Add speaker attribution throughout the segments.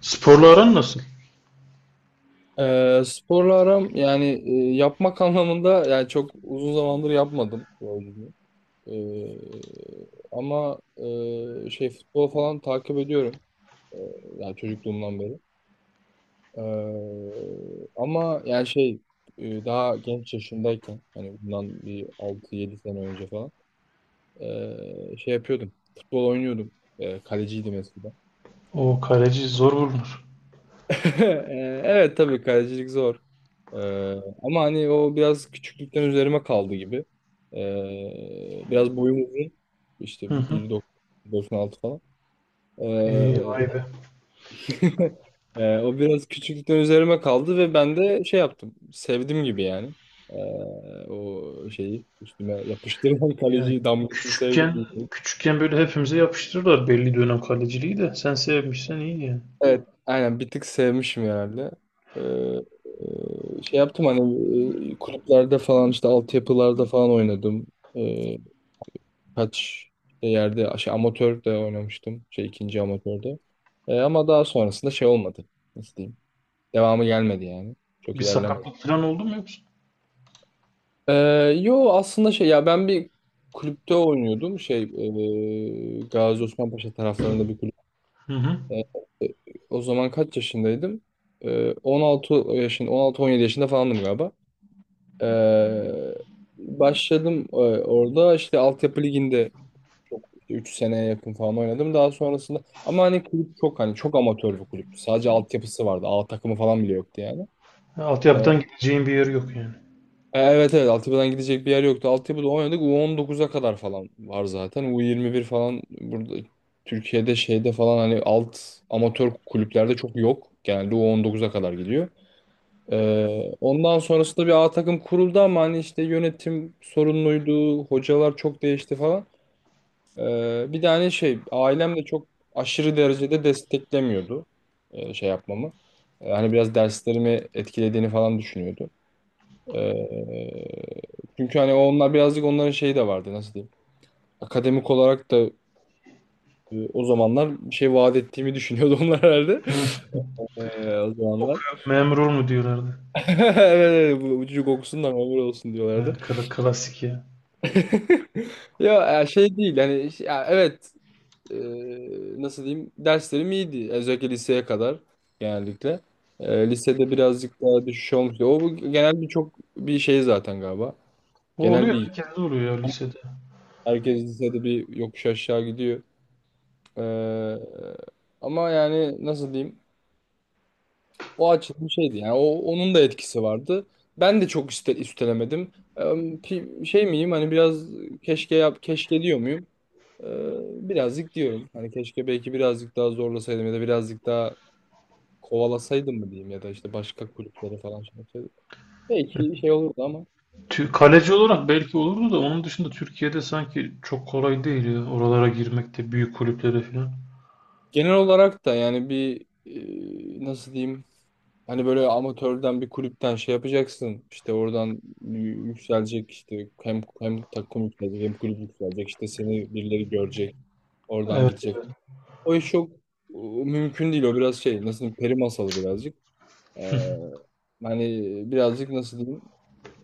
Speaker 1: Sporla aran nasıl?
Speaker 2: Sporla aram yani yapmak anlamında yani çok uzun zamandır yapmadım sporculuğu. Ee, ama şey futbol falan takip ediyorum. Ee, Yani çocukluğumdan beri. Ama yani şey daha genç yaşımdayken hani bundan bir 6-7 sene önce falan şey yapıyordum. Futbol oynuyordum. Kaleciydim eskiden.
Speaker 1: O kaleci zor bulunur.
Speaker 2: Evet, tabii kalecilik zor. Ee, Ama hani o biraz küçüklükten üzerime kaldı gibi. Biraz boyum uzun.
Speaker 1: Hı
Speaker 2: İşte
Speaker 1: hı.
Speaker 2: 1,96 falan. Ee,
Speaker 1: Vay be.
Speaker 2: o biraz küçüklükten üzerime kaldı ve ben de şey yaptım. Sevdim gibi yani. Ee, O şeyi üstüme yapıştırılan
Speaker 1: Ya
Speaker 2: kaleci damgasını
Speaker 1: küçükken
Speaker 2: sevdim.
Speaker 1: küçükken böyle hepimize yapıştırırlar belli dönem kaleciliği de. Sen sevmişsen iyi yani.
Speaker 2: Evet, aynen bir tık sevmişim herhalde. Ee, Şey yaptım, hani kulüplerde falan, işte altyapılarda falan oynadım. Ee, Kaç yerde şey, amatör de oynamıştım. Şey, ikinci amatörde. Ama daha sonrasında şey olmadı. Nasıl diyeyim? Devamı gelmedi yani. Çok
Speaker 1: Bir
Speaker 2: ilerlemedi.
Speaker 1: sakatlık falan oldu mu yoksa?
Speaker 2: Ee, Yo, aslında şey, ya ben bir kulüpte oynuyordum. Şey, Gazi Osman Paşa taraflarında bir kulüp.
Speaker 1: Hı hı.
Speaker 2: Ee, E, O zaman kaç yaşındaydım? 16 yaşında, 16-17 yaşında falandım galiba. E, Başladım, orada işte altyapı liginde çok 3 seneye yakın falan oynadım. Daha sonrasında ama hani kulüp çok, hani çok amatör bir kulüptü. Sadece altyapısı vardı. A takımı falan bile yoktu yani.
Speaker 1: Ya altyapıdan gideceğin bir yeri yok yani.
Speaker 2: Evet, evet, altyapıdan gidecek bir yer yoktu. Altyapıda oynadık. U19'a kadar falan var zaten. U21 falan burada Türkiye'de şeyde falan, hani alt amatör kulüplerde çok yok. Genelde U19'a kadar gidiyor. Ondan sonrasında bir A takım kuruldu, ama hani işte yönetim sorunluydu, hocalar çok değişti falan. Bir de hani şey, ailem de çok aşırı derecede desteklemiyordu şey yapmamı. Hani biraz derslerimi etkilediğini falan düşünüyordu. Ee, Çünkü hani onlar birazcık, onların şeyi de vardı, nasıl diyeyim. Akademik olarak da o zamanlar bir şey vaat ettiğimi düşünüyordu onlar herhalde.
Speaker 1: Hı.
Speaker 2: O zamanlar.
Speaker 1: Okuyor, memur ol mu diyorlardı.
Speaker 2: Evet, evet, bu ucu kokusundan ömür olsun
Speaker 1: Ha,
Speaker 2: diyorlardı.
Speaker 1: klasik ya.
Speaker 2: Ya, şey değil yani, ya, evet. e, Nasıl diyeyim, derslerim iyiydi, özellikle liseye kadar genellikle. Lisede birazcık daha düşüş olmuştu. O bu genel bir, çok bir şey zaten galiba.
Speaker 1: O
Speaker 2: Genel
Speaker 1: oluyor,
Speaker 2: bir,
Speaker 1: herkes de oluyor ya lisede.
Speaker 2: herkes lisede bir yokuş aşağı gidiyor. E, Ama yani nasıl diyeyim, o açıdan bir şeydi yani, o, onun da etkisi vardı. Ben de çok üstelemedim. E, Şey miyim, hani biraz keşke, yap keşke diyor muyum? Ee, Birazcık diyorum. Hani keşke belki birazcık daha zorlasaydım, ya da birazcık daha kovalasaydım mı diyeyim, ya da işte başka kulüplere falan şey yapsaydım.
Speaker 1: Ya,
Speaker 2: Belki şey olurdu, ama
Speaker 1: kaleci olarak belki olurdu da onun dışında Türkiye'de sanki çok kolay değil ya oralara girmek de büyük kulüplere falan.
Speaker 2: genel olarak da yani bir, nasıl diyeyim, hani böyle amatörden bir kulüpten şey yapacaksın, işte oradan yükselecek, işte hem takım yükselecek hem kulüp yükselecek, işte seni birileri görecek, oradan
Speaker 1: Evet,
Speaker 2: gidecek.
Speaker 1: evet.
Speaker 2: O iş çok e, mümkün değil, o biraz şey, nasıl diyeyim, peri masalı birazcık. Ee, Hani birazcık, nasıl diyeyim?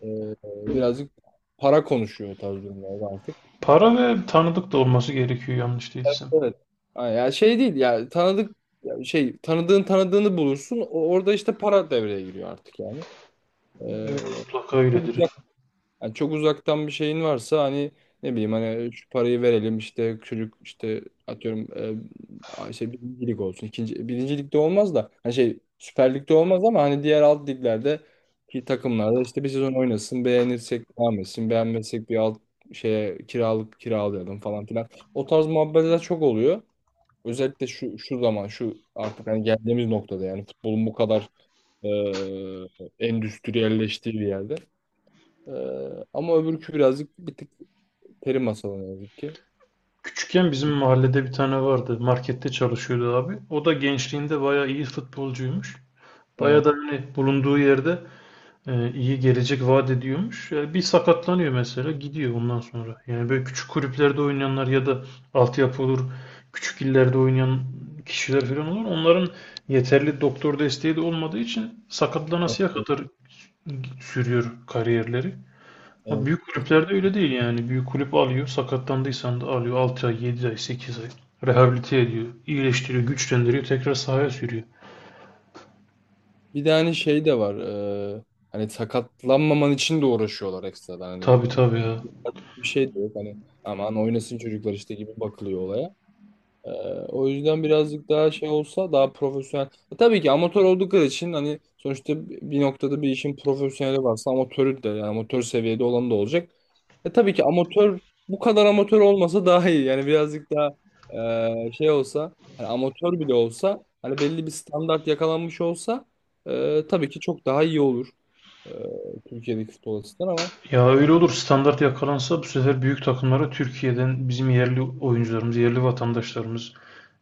Speaker 2: Ee, Birazcık para konuşuyor o tarz durumlarda artık.
Speaker 1: Para ve tanıdık da olması gerekiyor yanlış değilsem.
Speaker 2: Evet. Ha, ya şey değil, ya tanıdık, ya şey, tanıdığın tanıdığını bulursun, orada işte para devreye giriyor artık yani.
Speaker 1: Evet,
Speaker 2: Ee,
Speaker 1: mutlaka
Speaker 2: Çok
Speaker 1: öyledir.
Speaker 2: uzak, yani çok uzaktan bir şeyin varsa, hani ne bileyim, hani şu parayı verelim, işte çocuk işte, atıyorum şey birinci lig olsun. İkinci birinci ligde olmaz da hani şey, Süper Lig'de olmaz, ama hani diğer alt liglerde ki takımlarda işte bir sezon oynasın, beğenirsek devam etsin, beğenmezsek bir alt şeye kiralık, kiralayalım falan filan. O tarz muhabbetler çok oluyor. Özellikle şu şu zaman, şu artık, hani geldiğimiz noktada, yani futbolun bu kadar e, endüstriyelleştiği bir yerde. Ee, Ama öbürkü birazcık, bir tık peri masalı ne yazık ki.
Speaker 1: Küçükken bizim mahallede bir tane vardı. Markette çalışıyordu abi. O da gençliğinde bayağı iyi futbolcuymuş. Bayağı
Speaker 2: Evet,
Speaker 1: da hani bulunduğu yerde iyi gelecek vaat ediyormuş. E, bir sakatlanıyor mesela gidiyor ondan sonra. Yani böyle küçük kulüplerde oynayanlar ya da altyapı olur, küçük illerde oynayan kişiler falan olur. Onların yeterli doktor desteği de olmadığı için
Speaker 2: evet,
Speaker 1: sakatlanasıya kadar sürüyor kariyerleri. Ya
Speaker 2: evet.
Speaker 1: büyük kulüplerde öyle değil yani. Büyük kulüp alıyor, sakatlandıysan da alıyor 6 ay, 7 ay, 8 ay. Rehabilite ediyor, iyileştiriyor, güçlendiriyor, tekrar sahaya sürüyor.
Speaker 2: Bir de hani şey de var. e, Hani sakatlanmaman için de uğraşıyorlar ekstradan.
Speaker 1: Tabii
Speaker 2: Hani
Speaker 1: tabii ya.
Speaker 2: bir şey de yok. Hani aman oynasın çocuklar işte gibi bakılıyor olaya. Ee, O yüzden birazcık daha şey olsa, daha profesyonel. Tabii ki amatör oldukları için hani, sonuçta bir noktada bir işin profesyoneli varsa amatörü de, yani amatör seviyede olan da olacak. Tabii ki amatör, bu kadar amatör olmasa daha iyi. Yani birazcık daha şey olsa, hani amatör bile olsa hani belli bir standart yakalanmış olsa tabii ki çok daha iyi olur, e, Türkiye'deki futbol açısından, ama
Speaker 1: Ya öyle olur, standart yakalansa bu sefer büyük takımlara Türkiye'den bizim yerli oyuncularımız, yerli vatandaşlarımız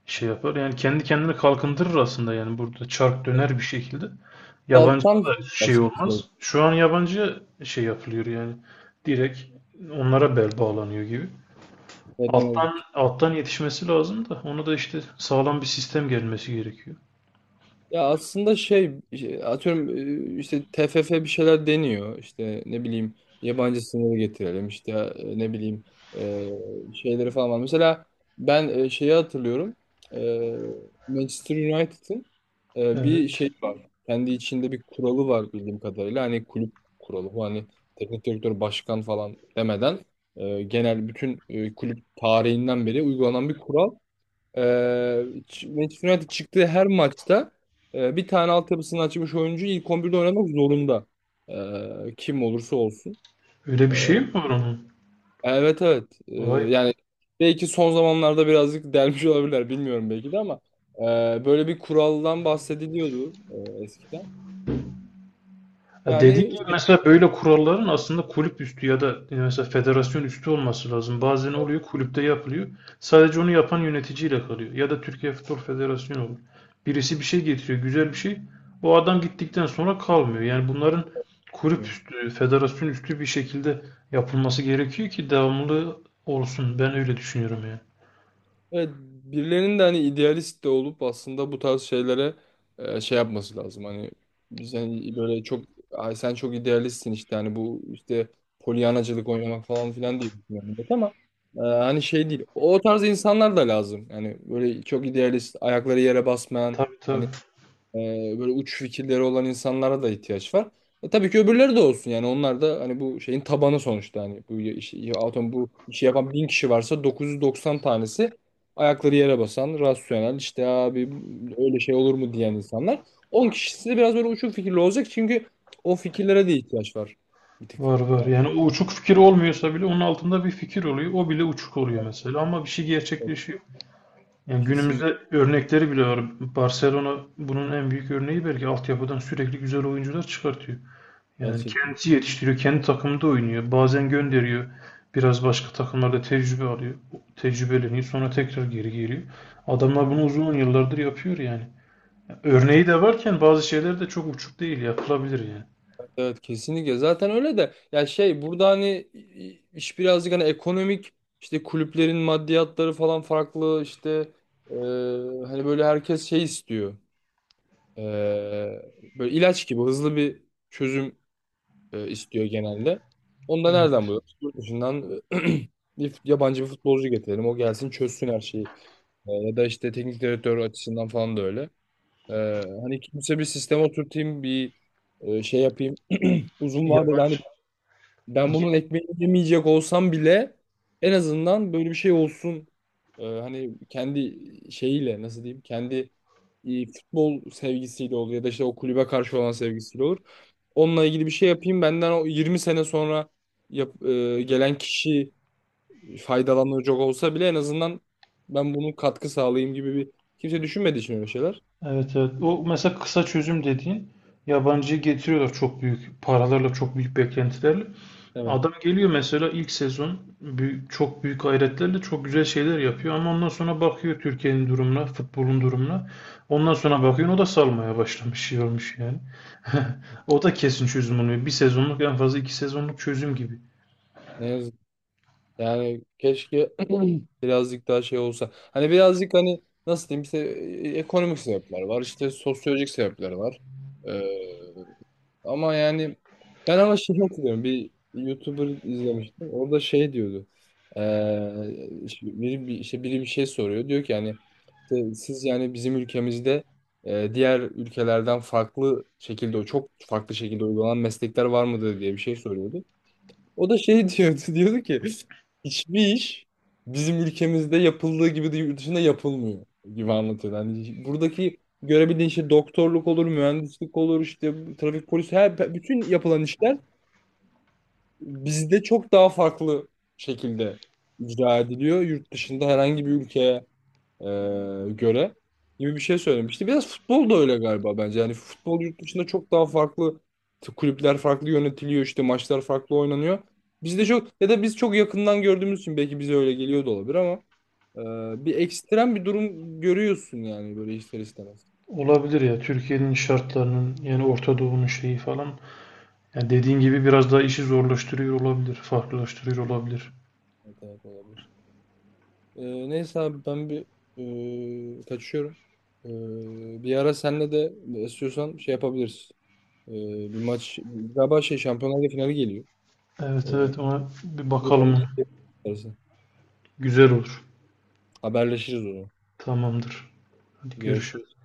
Speaker 1: şey yapar. Yani kendi kendine kalkındırır aslında yani, burada çark
Speaker 2: e,
Speaker 1: döner bir şekilde. Yabancı
Speaker 2: alttan
Speaker 1: da şey
Speaker 2: başlamak
Speaker 1: olmaz.
Speaker 2: gerekiyor.
Speaker 1: Şu an yabancı şey yapılıyor yani. Direkt onlara bel bağlanıyor gibi.
Speaker 2: Evet, ne
Speaker 1: Alttan
Speaker 2: yazık ki.
Speaker 1: alttan yetişmesi lazım da onu da işte sağlam bir sistem gelmesi gerekiyor.
Speaker 2: Ya aslında şey, atıyorum işte TFF bir şeyler deniyor, işte ne bileyim, yabancı sınırı getirelim işte, ne bileyim şeyleri falan var. Mesela ben şeyi hatırlıyorum. E, Manchester United'ın bir
Speaker 1: Evet.
Speaker 2: şey var, kendi içinde bir kuralı var bildiğim kadarıyla, hani kulüp kuralı bu, hani teknik direktör, başkan falan demeden genel, bütün kulüp tarihinden beri uygulanan bir kural. Ee, Manchester United çıktığı her maçta bir tane altyapısını açmış oyuncu ilk 11'de oynamak zorunda. Kim olursa olsun.
Speaker 1: Öyle bir
Speaker 2: Ee,
Speaker 1: şey mi var onun?
Speaker 2: evet, evet.
Speaker 1: Vay be.
Speaker 2: Yani belki son zamanlarda birazcık delmiş olabilirler, bilmiyorum, belki de, ama böyle bir kuraldan bahsediliyordu eskiden.
Speaker 1: Ya dediğin
Speaker 2: Yani
Speaker 1: gibi mesela böyle kuralların aslında kulüp üstü ya da mesela federasyon üstü olması lazım. Bazen oluyor kulüpte yapılıyor. Sadece onu yapan yöneticiyle kalıyor. Ya da Türkiye Futbol Federasyonu olur. Birisi bir şey getiriyor, güzel bir şey. O adam gittikten sonra kalmıyor. Yani bunların kulüp
Speaker 2: işte,
Speaker 1: üstü, federasyon üstü bir şekilde yapılması gerekiyor ki devamlı olsun. Ben öyle düşünüyorum yani.
Speaker 2: evet, birilerinin de hani idealist de olup aslında bu tarz şeylere şey yapması lazım. Hani biz hani böyle çok, ay sen çok idealistsin işte, hani bu işte polyanacılık oynamak falan filan diye düşünüyorum, evet, ama hani şey değil. O tarz insanlar da lazım. Yani böyle çok idealist, ayakları yere basmayan,
Speaker 1: Tabii tabii.
Speaker 2: hani ee, böyle uç fikirleri olan insanlara da ihtiyaç var. Tabii ki öbürleri de olsun yani, onlar da hani bu şeyin tabanı sonuçta, hani bu işi, atom bu işi yapan bin kişi varsa 990 tanesi ayakları yere basan, rasyonel, işte abi öyle şey olur mu diyen insanlar. 10 kişisi de biraz böyle uçuk fikirli olacak, çünkü o fikirlere de ihtiyaç var bir tık
Speaker 1: Var var.
Speaker 2: yani.
Speaker 1: Yani o uçuk fikir olmuyorsa bile onun altında bir fikir oluyor. O bile uçuk oluyor mesela ama bir şey
Speaker 2: Evet,
Speaker 1: gerçekleşiyor. Yani
Speaker 2: kesin
Speaker 1: günümüzde örnekleri bile var. Barcelona bunun en büyük örneği belki, altyapıdan sürekli güzel oyuncular çıkartıyor. Yani
Speaker 2: gerçekten.
Speaker 1: kendisi yetiştiriyor, kendi takımında oynuyor. Bazen gönderiyor. Biraz başka takımlarda tecrübe alıyor. Tecrübeleniyor. Sonra tekrar geri geliyor. Adamlar bunu
Speaker 2: Evet,
Speaker 1: uzun yıllardır yapıyor yani.
Speaker 2: tebrik
Speaker 1: Örneği
Speaker 2: ederim.
Speaker 1: de varken bazı şeyler de çok uçuk değil. Yapılabilir yani.
Speaker 2: Evet, kesinlikle zaten öyle de, ya şey, burada hani iş birazcık hani ekonomik, işte kulüplerin maddiyatları falan farklı, işte e, hani böyle herkes şey istiyor, E, böyle ilaç gibi hızlı bir çözüm istiyor genelde. Onu da nereden
Speaker 1: Evet.
Speaker 2: buluyoruz? Yurt dışından bir yabancı bir futbolcu getirelim, o gelsin çözsün her şeyi. Ya da işte teknik direktör açısından falan da öyle. E, Hani kimse bir sisteme oturtayım, bir şey yapayım uzun vadede,
Speaker 1: Yabancı.
Speaker 2: hani ben bunun ekmeğini yemeyecek olsam bile en azından böyle bir şey olsun. Hani kendi şeyiyle, nasıl diyeyim? Kendi futbol sevgisiyle olur, ya da işte o kulübe karşı olan sevgisiyle olur. Onunla ilgili bir şey yapayım, benden o 20 sene sonra gelen kişi faydalanacak olsa bile, en azından ben bunun katkı sağlayayım gibi bir, kimse düşünmediği için öyle şeyler.
Speaker 1: Evet evet. O mesela kısa çözüm dediğin yabancıyı getiriyorlar çok büyük paralarla, çok büyük beklentilerle.
Speaker 2: Evet.
Speaker 1: Adam geliyor mesela ilk sezon büyük, çok büyük gayretlerle çok güzel şeyler yapıyor ama ondan sonra bakıyor Türkiye'nin durumuna, futbolun durumuna. Ondan sonra bakıyor o da salmaya başlamış, şey olmuş yani. O da kesin çözüm olmuyor. Bir sezonluk, en fazla iki sezonluk çözüm gibi.
Speaker 2: Ne yazık. Yani keşke birazcık daha şey olsa. Hani birazcık, hani nasıl diyeyim, işte ekonomik sebepler var, işte sosyolojik sebepler var. Ee, Ama yani ben, ama şey hatırlıyorum. Bir YouTuber izlemiştim. Orada şey diyordu. İşte işte biri bir şey soruyor. Diyor ki yani, işte siz yani bizim ülkemizde diğer ülkelerden farklı şekilde, çok farklı şekilde uygulanan meslekler var mıdır, diye bir şey soruyordu. O da şey diyordu, diyordu ki hiçbir iş bizim ülkemizde yapıldığı gibi de yurt dışında yapılmıyor gibi anlatıyordu. Hani buradaki görebildiğin şey, doktorluk olur, mühendislik olur, işte trafik polisi, her, bütün yapılan işler bizde çok daha farklı şekilde icra ediliyor, yurt dışında herhangi bir ülkeye e, göre, gibi bir şey söylemişti. Biraz futbol da öyle galiba bence. Yani futbol yurt dışında çok daha farklı, kulüpler farklı yönetiliyor, işte maçlar farklı oynanıyor. Bizde çok, ya da biz çok yakından gördüğümüz için belki bize öyle geliyor da olabilir, ama bir ekstrem bir durum görüyorsun yani, böyle ister istemez.
Speaker 1: Olabilir ya, Türkiye'nin şartlarının yani Orta Doğu'nun şeyi falan. Yani dediğin gibi biraz daha işi zorlaştırıyor olabilir, farklılaştırıyor olabilir.
Speaker 2: Evet, evet, olabilir. Neyse abi, ben bir kaçıyorum. Bir ara senle de, istiyorsan şey yapabiliriz. E, Bir maç galiba, şey, Şampiyonlar Ligi finali geliyor.
Speaker 1: Evet evet, ona bir
Speaker 2: Grup omuz
Speaker 1: bakalım.
Speaker 2: istersen.
Speaker 1: Güzel olur.
Speaker 2: Haberleşiriz onu.
Speaker 1: Tamamdır. Hadi görüşürüz.
Speaker 2: Görüşürüz.